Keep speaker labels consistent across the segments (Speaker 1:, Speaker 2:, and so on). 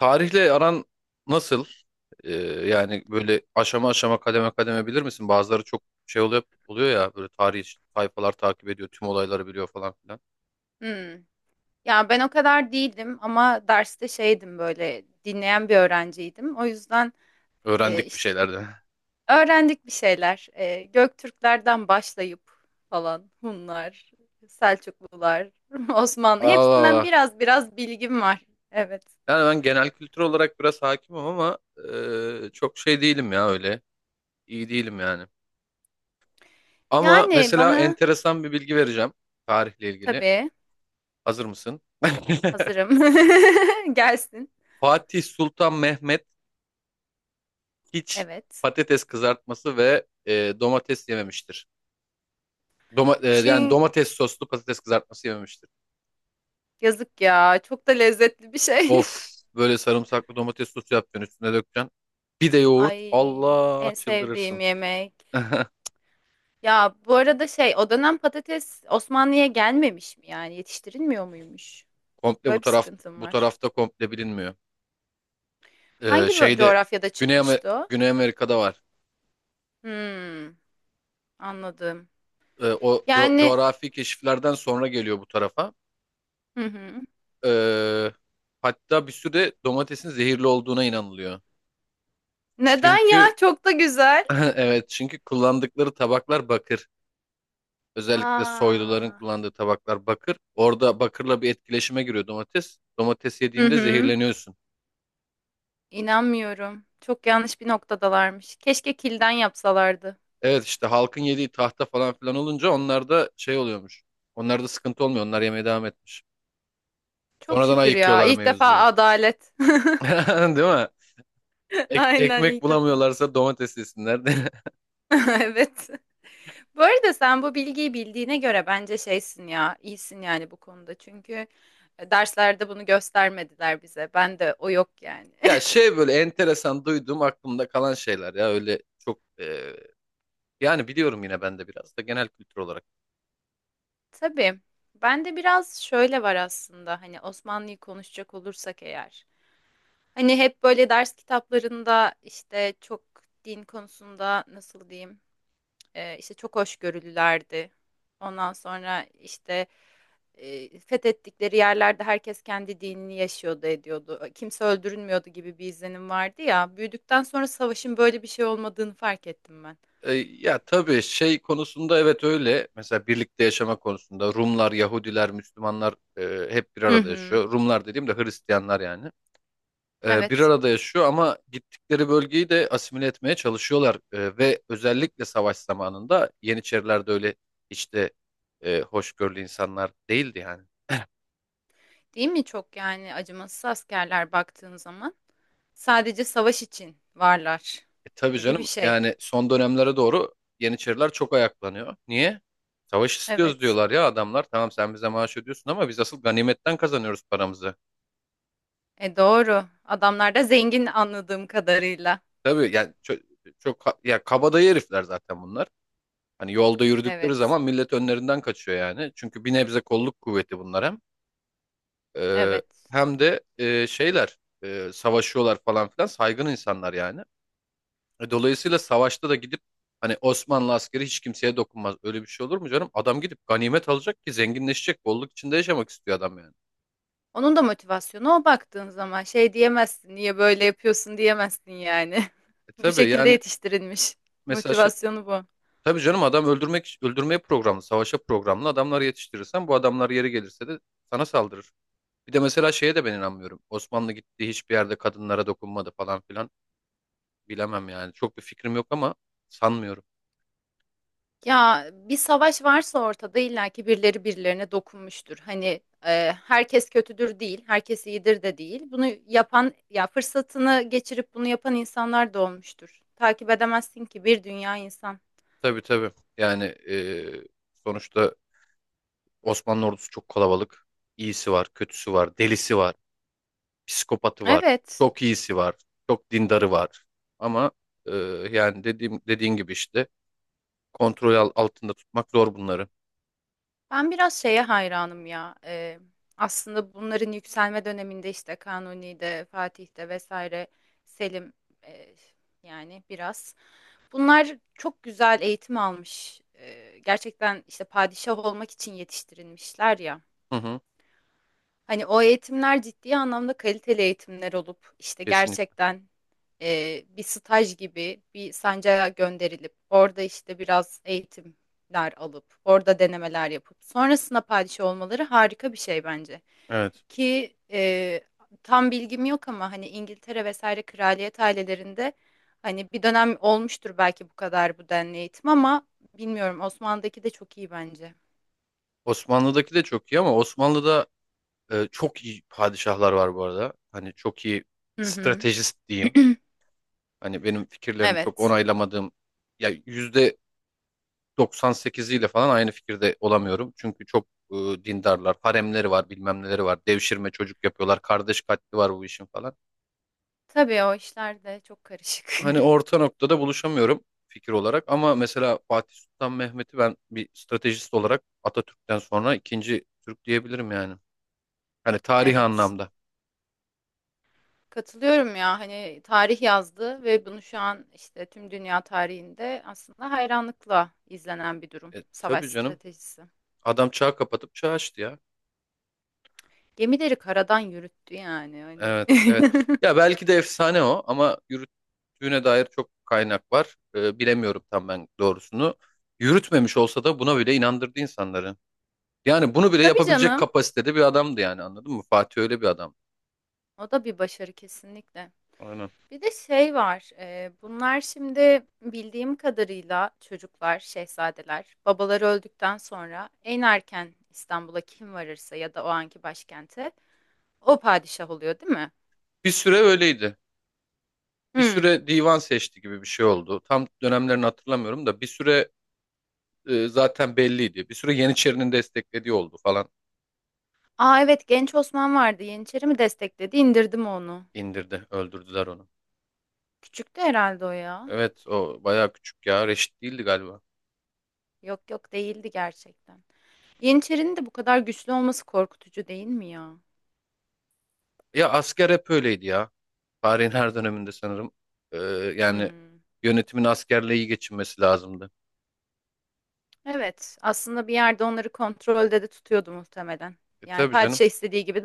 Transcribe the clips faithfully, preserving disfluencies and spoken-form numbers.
Speaker 1: Tarihle aran nasıl? Ee, Yani böyle aşama aşama kademe kademe bilir misin? Bazıları çok şey oluyor, oluyor ya, böyle tarih sayfalar takip ediyor, tüm olayları biliyor falan filan.
Speaker 2: Hmm. Ya ben o kadar değildim ama derste şeydim böyle dinleyen bir öğrenciydim. O yüzden e,
Speaker 1: Öğrendik bir
Speaker 2: işte bu-
Speaker 1: şeylerden.
Speaker 2: öğrendik bir şeyler. E, Göktürklerden başlayıp falan Hunlar, Selçuklular, Osmanlı
Speaker 1: Allah
Speaker 2: hepsinden
Speaker 1: Allah.
Speaker 2: biraz biraz bilgim var. Evet.
Speaker 1: Yani ben genel kültür olarak biraz hakimim ama e, çok şey değilim ya öyle. İyi değilim yani. Ama
Speaker 2: Yani
Speaker 1: mesela
Speaker 2: bana
Speaker 1: enteresan bir bilgi vereceğim tarihle ilgili.
Speaker 2: tabii.
Speaker 1: Hazır mısın?
Speaker 2: Hazırım. Gelsin.
Speaker 1: Fatih Sultan Mehmet hiç
Speaker 2: Evet.
Speaker 1: patates kızartması ve e, domates yememiştir. Doma- e, yani
Speaker 2: Çin
Speaker 1: domates soslu patates kızartması yememiştir.
Speaker 2: yazık ya. Çok da lezzetli bir şey.
Speaker 1: Of, böyle sarımsaklı domates sosu yapacaksın, üstüne dökeceksin. Bir de yoğurt.
Speaker 2: Ay,
Speaker 1: Allah,
Speaker 2: en sevdiğim
Speaker 1: çıldırırsın.
Speaker 2: yemek. Ya bu arada şey o dönem patates Osmanlı'ya gelmemiş mi yani yetiştirilmiyor muymuş?
Speaker 1: Komple bu
Speaker 2: Böyle bir
Speaker 1: taraf
Speaker 2: sıkıntım
Speaker 1: bu
Speaker 2: var.
Speaker 1: tarafta komple bilinmiyor. Ee,
Speaker 2: Hangi bö-
Speaker 1: şeyde
Speaker 2: coğrafyada
Speaker 1: Güney, Amer-
Speaker 2: çıkmıştı o?
Speaker 1: Güney Amerika'da var.
Speaker 2: Hmm, anladım.
Speaker 1: Ee, o co-
Speaker 2: Yani,
Speaker 1: coğrafi keşiflerden sonra geliyor bu tarafa.
Speaker 2: hı hı.
Speaker 1: Ee, Hatta bir süre domatesin zehirli olduğuna inanılıyor.
Speaker 2: Neden ya?
Speaker 1: Çünkü
Speaker 2: Çok da güzel.
Speaker 1: evet, çünkü kullandıkları tabaklar bakır. Özellikle soyluların
Speaker 2: Aa.
Speaker 1: kullandığı tabaklar bakır. Orada bakırla bir etkileşime giriyor domates. Domates
Speaker 2: Hı
Speaker 1: yediğinde
Speaker 2: hı.
Speaker 1: zehirleniyorsun.
Speaker 2: İnanmıyorum. Çok yanlış bir noktadalarmış. Keşke kilden yapsalardı.
Speaker 1: Evet, işte halkın yediği tahta falan filan olunca onlarda şey oluyormuş. Onlarda sıkıntı olmuyor. Onlar yemeye devam etmiş.
Speaker 2: Çok
Speaker 1: Sonradan
Speaker 2: şükür ya.
Speaker 1: ayıkıyorlar
Speaker 2: İlk defa
Speaker 1: mevzuyu.
Speaker 2: adalet.
Speaker 1: Değil mi? Ek-
Speaker 2: Aynen,
Speaker 1: ekmek
Speaker 2: ilk defa.
Speaker 1: bulamıyorlarsa domates yesinler.
Speaker 2: Evet. Bu arada sen bu bilgiyi bildiğine göre bence şeysin ya, iyisin yani bu konuda. Çünkü e, derslerde bunu göstermediler bize. Ben de o yok yani.
Speaker 1: Ya şey, böyle enteresan duyduğum aklımda kalan şeyler ya, öyle çok, e, yani biliyorum yine ben de biraz da genel kültür olarak.
Speaker 2: Tabii. Ben de biraz şöyle var aslında. Hani Osmanlı'yı konuşacak olursak eğer, hani hep böyle ders kitaplarında işte çok din konusunda nasıl diyeyim? Ee, işte çok hoşgörülülerdi. Ondan sonra işte e, fethettikleri yerlerde herkes kendi dinini yaşıyordu, ediyordu. Kimse öldürülmüyordu gibi bir izlenim vardı ya. Büyüdükten sonra savaşın böyle bir şey olmadığını fark ettim ben.
Speaker 1: E, ya tabii, şey konusunda evet öyle. Mesela birlikte yaşama konusunda Rumlar, Yahudiler, Müslümanlar e, hep bir
Speaker 2: Hı
Speaker 1: arada
Speaker 2: hı.
Speaker 1: yaşıyor. Rumlar dediğim de Hristiyanlar yani. E, bir
Speaker 2: Evet.
Speaker 1: arada yaşıyor ama gittikleri bölgeyi de asimile etmeye çalışıyorlar. E, ve özellikle savaş zamanında Yeniçeriler de öyle işte, e, hoşgörülü insanlar değildi yani.
Speaker 2: Değil mi, çok yani acımasız askerler, baktığın zaman sadece savaş için varlar
Speaker 1: E, tabii
Speaker 2: gibi bir
Speaker 1: canım,
Speaker 2: şey.
Speaker 1: yani son dönemlere doğru Yeniçeriler çok ayaklanıyor. Niye? Savaş istiyoruz
Speaker 2: Evet.
Speaker 1: diyorlar ya adamlar. Tamam, sen bize maaş ödüyorsun ama biz asıl ganimetten kazanıyoruz paramızı.
Speaker 2: E doğru. Adamlar da zengin anladığım kadarıyla.
Speaker 1: Tabii yani çok, çok ha- ya, kabadayı herifler zaten bunlar. Hani yolda yürüdükleri
Speaker 2: Evet.
Speaker 1: zaman millet önlerinden kaçıyor yani. Çünkü bir nebze kolluk kuvveti bunlar hem. Ee,
Speaker 2: Evet.
Speaker 1: Hem de e, şeyler, e, savaşıyorlar falan filan, saygın insanlar yani. E, Dolayısıyla savaşta da gidip, hani Osmanlı askeri hiç kimseye dokunmaz. Öyle bir şey olur mu canım? Adam gidip ganimet alacak ki zenginleşecek. Bolluk içinde yaşamak istiyor adam yani.
Speaker 2: Onun da motivasyonu o, baktığın zaman şey diyemezsin, niye böyle yapıyorsun diyemezsin yani.
Speaker 1: E,
Speaker 2: Bu
Speaker 1: tabii
Speaker 2: şekilde
Speaker 1: yani,
Speaker 2: yetiştirilmiş.
Speaker 1: mesela şey,
Speaker 2: Motivasyonu bu.
Speaker 1: tabii canım, adam öldürmek, öldürmeye programlı, savaşa programlı adamlar yetiştirirsen, bu adamlar yeri gelirse de sana saldırır. Bir de mesela şeye de ben inanmıyorum. Osmanlı gittiği hiçbir yerde kadınlara dokunmadı falan filan. Bilemem yani. Çok bir fikrim yok ama sanmıyorum.
Speaker 2: Ya bir savaş varsa ortada illaki birileri birilerine dokunmuştur. Hani e, herkes kötüdür değil, herkes iyidir de değil. Bunu yapan, ya fırsatını geçirip bunu yapan insanlar da olmuştur. Takip edemezsin ki bir dünya insan.
Speaker 1: Tabii, tabii. Yani e, sonuçta Osmanlı ordusu çok kalabalık. İyisi var, kötüsü var, delisi var, psikopatı var.
Speaker 2: Evet.
Speaker 1: Çok iyisi var, çok dindarı var. Ama e, yani dediğim dediğin gibi işte, kontrol al- altında tutmak zor bunları.
Speaker 2: Ben biraz şeye hayranım ya. Ee, aslında bunların yükselme döneminde işte Kanuni'de, Fatih'te vesaire Selim, e, yani biraz. Bunlar çok güzel eğitim almış. Ee, gerçekten işte padişah olmak için yetiştirilmişler ya.
Speaker 1: Hı hı,
Speaker 2: Hani o eğitimler ciddi anlamda kaliteli eğitimler olup işte
Speaker 1: kesinlikle.
Speaker 2: gerçekten e, bir staj gibi bir sancağa gönderilip orada işte biraz eğitimler alıp orada denemeler yapıp sonrasında padişah olmaları harika bir şey bence.
Speaker 1: Evet.
Speaker 2: Ki e, tam bilgim yok ama hani İngiltere vesaire kraliyet ailelerinde hani bir dönem olmuştur belki bu kadar bu denli eğitim ama bilmiyorum, Osmanlı'daki de çok iyi bence.
Speaker 1: Osmanlı'daki de çok iyi ama Osmanlı'da, Ee, çok iyi padişahlar var bu arada. Hani çok iyi
Speaker 2: Hı hı.
Speaker 1: stratejist diyeyim. Hani benim fikirlerini çok
Speaker 2: Evet.
Speaker 1: onaylamadığım, ya yüzde doksan sekiziyle falan aynı fikirde olamıyorum. Çünkü çok e, dindarlar, haremleri var, bilmem neleri var. Devşirme çocuk yapıyorlar, kardeş katli var bu işin falan.
Speaker 2: Tabii o işler de çok karışık.
Speaker 1: Hani orta noktada buluşamıyorum fikir olarak ama mesela Fatih Sultan Mehmet'i ben bir stratejist olarak Atatürk'ten sonra ikinci Türk diyebilirim yani. Hani tarihi
Speaker 2: Evet.
Speaker 1: anlamda.
Speaker 2: Katılıyorum ya, hani tarih yazdı ve bunu şu an işte tüm dünya tarihinde aslında hayranlıkla izlenen bir durum.
Speaker 1: E,
Speaker 2: Savaş
Speaker 1: tabii canım.
Speaker 2: stratejisi.
Speaker 1: Adam çağ kapatıp çağ açtı ya.
Speaker 2: Gemileri karadan yürüttü yani hani.
Speaker 1: Evet, evet. Ya belki de efsane o ama yürüttüğüne dair çok kaynak var. Ee, bilemiyorum tam ben doğrusunu. Yürütmemiş olsa da buna bile inandırdı insanları. Yani bunu bile
Speaker 2: Tabii
Speaker 1: yapabilecek
Speaker 2: canım.
Speaker 1: kapasitede bir adamdı yani, anladın mı? Fatih öyle bir adam.
Speaker 2: O da bir başarı kesinlikle.
Speaker 1: Aynen.
Speaker 2: Bir de şey var. E, bunlar şimdi bildiğim kadarıyla çocuklar, şehzadeler, babaları öldükten sonra en erken İstanbul'a kim varırsa ya da o anki başkente, o padişah oluyor, değil mi?
Speaker 1: Bir süre öyleydi. Bir
Speaker 2: Hmm.
Speaker 1: süre divan seçti gibi bir şey oldu. Tam dönemlerini hatırlamıyorum da bir süre e, zaten belliydi. Bir süre Yeniçeri'nin desteklediği oldu falan.
Speaker 2: Aa, evet, genç Osman vardı. Yeniçeri mi destekledi? İndirdim onu.
Speaker 1: İndirdi, öldürdüler onu.
Speaker 2: Küçüktü herhalde o ya.
Speaker 1: Evet, o bayağı küçük ya. Reşit değildi galiba.
Speaker 2: Yok yok, değildi gerçekten. Yeniçerinin de bu kadar güçlü olması korkutucu değil mi ya?
Speaker 1: Ya asker hep öyleydi ya. Tarihin her döneminde sanırım. Ee, Yani
Speaker 2: Hmm.
Speaker 1: yönetimin askerle iyi geçinmesi lazımdı.
Speaker 2: Evet, aslında bir yerde onları kontrolde de tutuyordu muhtemelen.
Speaker 1: E,
Speaker 2: Yani
Speaker 1: tabii canım.
Speaker 2: padişah istediği gibi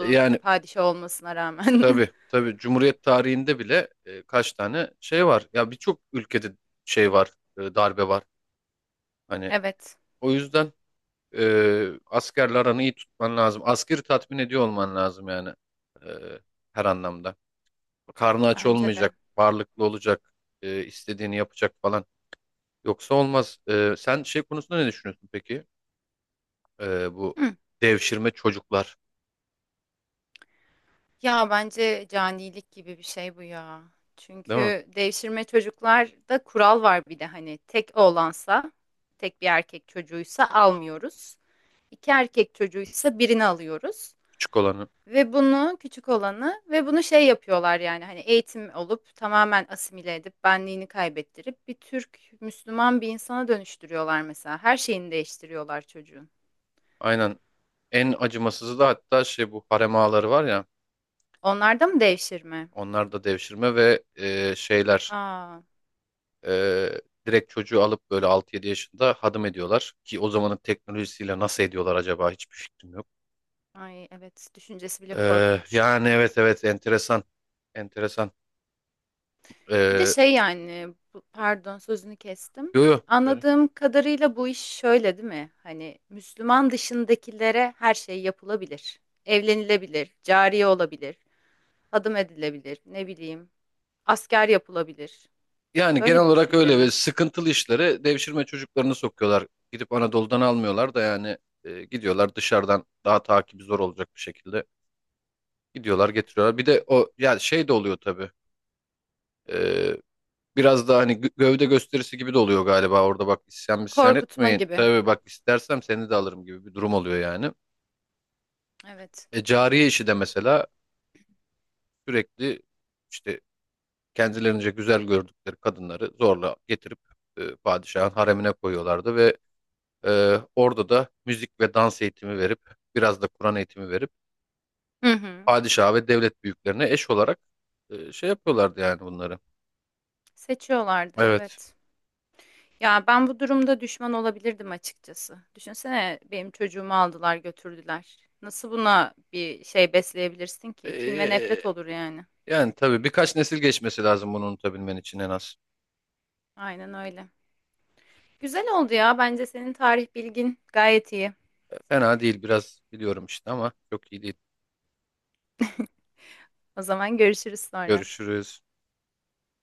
Speaker 1: E,
Speaker 2: ki
Speaker 1: yani
Speaker 2: padişah olmasına rağmen.
Speaker 1: tabii tabii, Cumhuriyet tarihinde bile e, kaç tane şey var. Ya birçok ülkede şey var, e, darbe var. Hani
Speaker 2: Evet,
Speaker 1: o yüzden e, askerle aranı iyi tutman lazım. Askeri tatmin ediyor olman lazım yani, e, her anlamda. Karnı aç
Speaker 2: bence de.
Speaker 1: olmayacak, varlıklı olacak, e, istediğini yapacak falan. Yoksa olmaz. Ee, sen şey konusunda ne düşünüyorsun peki? Ee, bu
Speaker 2: Hmm.
Speaker 1: devşirme çocuklar,
Speaker 2: Ya bence canilik gibi bir şey bu ya.
Speaker 1: değil mi?
Speaker 2: Çünkü devşirme çocuklarda kural var bir de, hani tek oğlansa, tek bir erkek çocuğuysa almıyoruz. İki erkek çocuğuysa birini alıyoruz.
Speaker 1: Küçük olanı.
Speaker 2: Ve bunu küçük olanı ve bunu şey yapıyorlar yani hani eğitim olup tamamen asimile edip benliğini kaybettirip bir Türk Müslüman bir insana dönüştürüyorlar mesela. Her şeyini değiştiriyorlar çocuğun.
Speaker 1: Aynen. En acımasızı da hatta şey, bu harem ağaları var ya.
Speaker 2: Onlarda mı devşirme?
Speaker 1: Onlar da devşirme ve e, şeyler,
Speaker 2: Aa,
Speaker 1: e, direkt çocuğu alıp böyle altı yedi yaşında hadım ediyorlar. Ki o zamanın teknolojisiyle nasıl ediyorlar acaba, hiçbir fikrim yok.
Speaker 2: ay evet, düşüncesi bile
Speaker 1: Ee,
Speaker 2: korkunç.
Speaker 1: yani evet, evet, enteresan. Enteresan.
Speaker 2: Bir de
Speaker 1: Ee,
Speaker 2: şey yani bu- pardon, sözünü kestim.
Speaker 1: Yo, yo.
Speaker 2: Anladığım kadarıyla bu iş şöyle değil mi? Hani Müslüman dışındakilere her şey yapılabilir. Evlenilebilir, cariye olabilir, adım edilebilir, ne bileyim, asker yapılabilir.
Speaker 1: Yani genel
Speaker 2: Böyle bir
Speaker 1: olarak
Speaker 2: düşünce
Speaker 1: öyle ve
Speaker 2: mi?
Speaker 1: sıkıntılı işlere devşirme çocuklarını sokuyorlar. Gidip Anadolu'dan almıyorlar da yani, e, gidiyorlar dışarıdan daha takibi zor olacak bir şekilde, gidiyorlar getiriyorlar. Bir de o yani, şey de oluyor tabii. E, Biraz da hani gö- gövde gösterisi gibi de oluyor galiba. Orada bak, isyan misyan
Speaker 2: Korkutma
Speaker 1: etmeyin.
Speaker 2: gibi.
Speaker 1: Tabii, bak istersem seni de alırım gibi bir durum oluyor yani.
Speaker 2: Evet.
Speaker 1: E, cariye işi de mesela sürekli işte kendilerince güzel gördükleri kadınları zorla getirip e, padişahın haremine koyuyorlardı ve Ee, orada da müzik ve dans eğitimi verip, biraz da Kur'an eğitimi verip
Speaker 2: Hı hı.
Speaker 1: padişah ve devlet büyüklerine eş olarak e, şey yapıyorlardı yani bunları.
Speaker 2: Seçiyorlardı,
Speaker 1: Evet.
Speaker 2: evet. Ya ben bu durumda düşman olabilirdim açıkçası. Düşünsene benim çocuğumu aldılar götürdüler. Nasıl buna bir şey besleyebilirsin ki? Kin ve
Speaker 1: Ee,
Speaker 2: nefret olur yani.
Speaker 1: Yani tabii birkaç nesil geçmesi lazım bunu unutabilmen için en az.
Speaker 2: Aynen öyle. Güzel oldu ya. Bence senin tarih bilgin gayet iyi.
Speaker 1: Fena değil, biraz biliyorum işte ama çok iyi değil.
Speaker 2: O zaman görüşürüz sonra.
Speaker 1: Görüşürüz.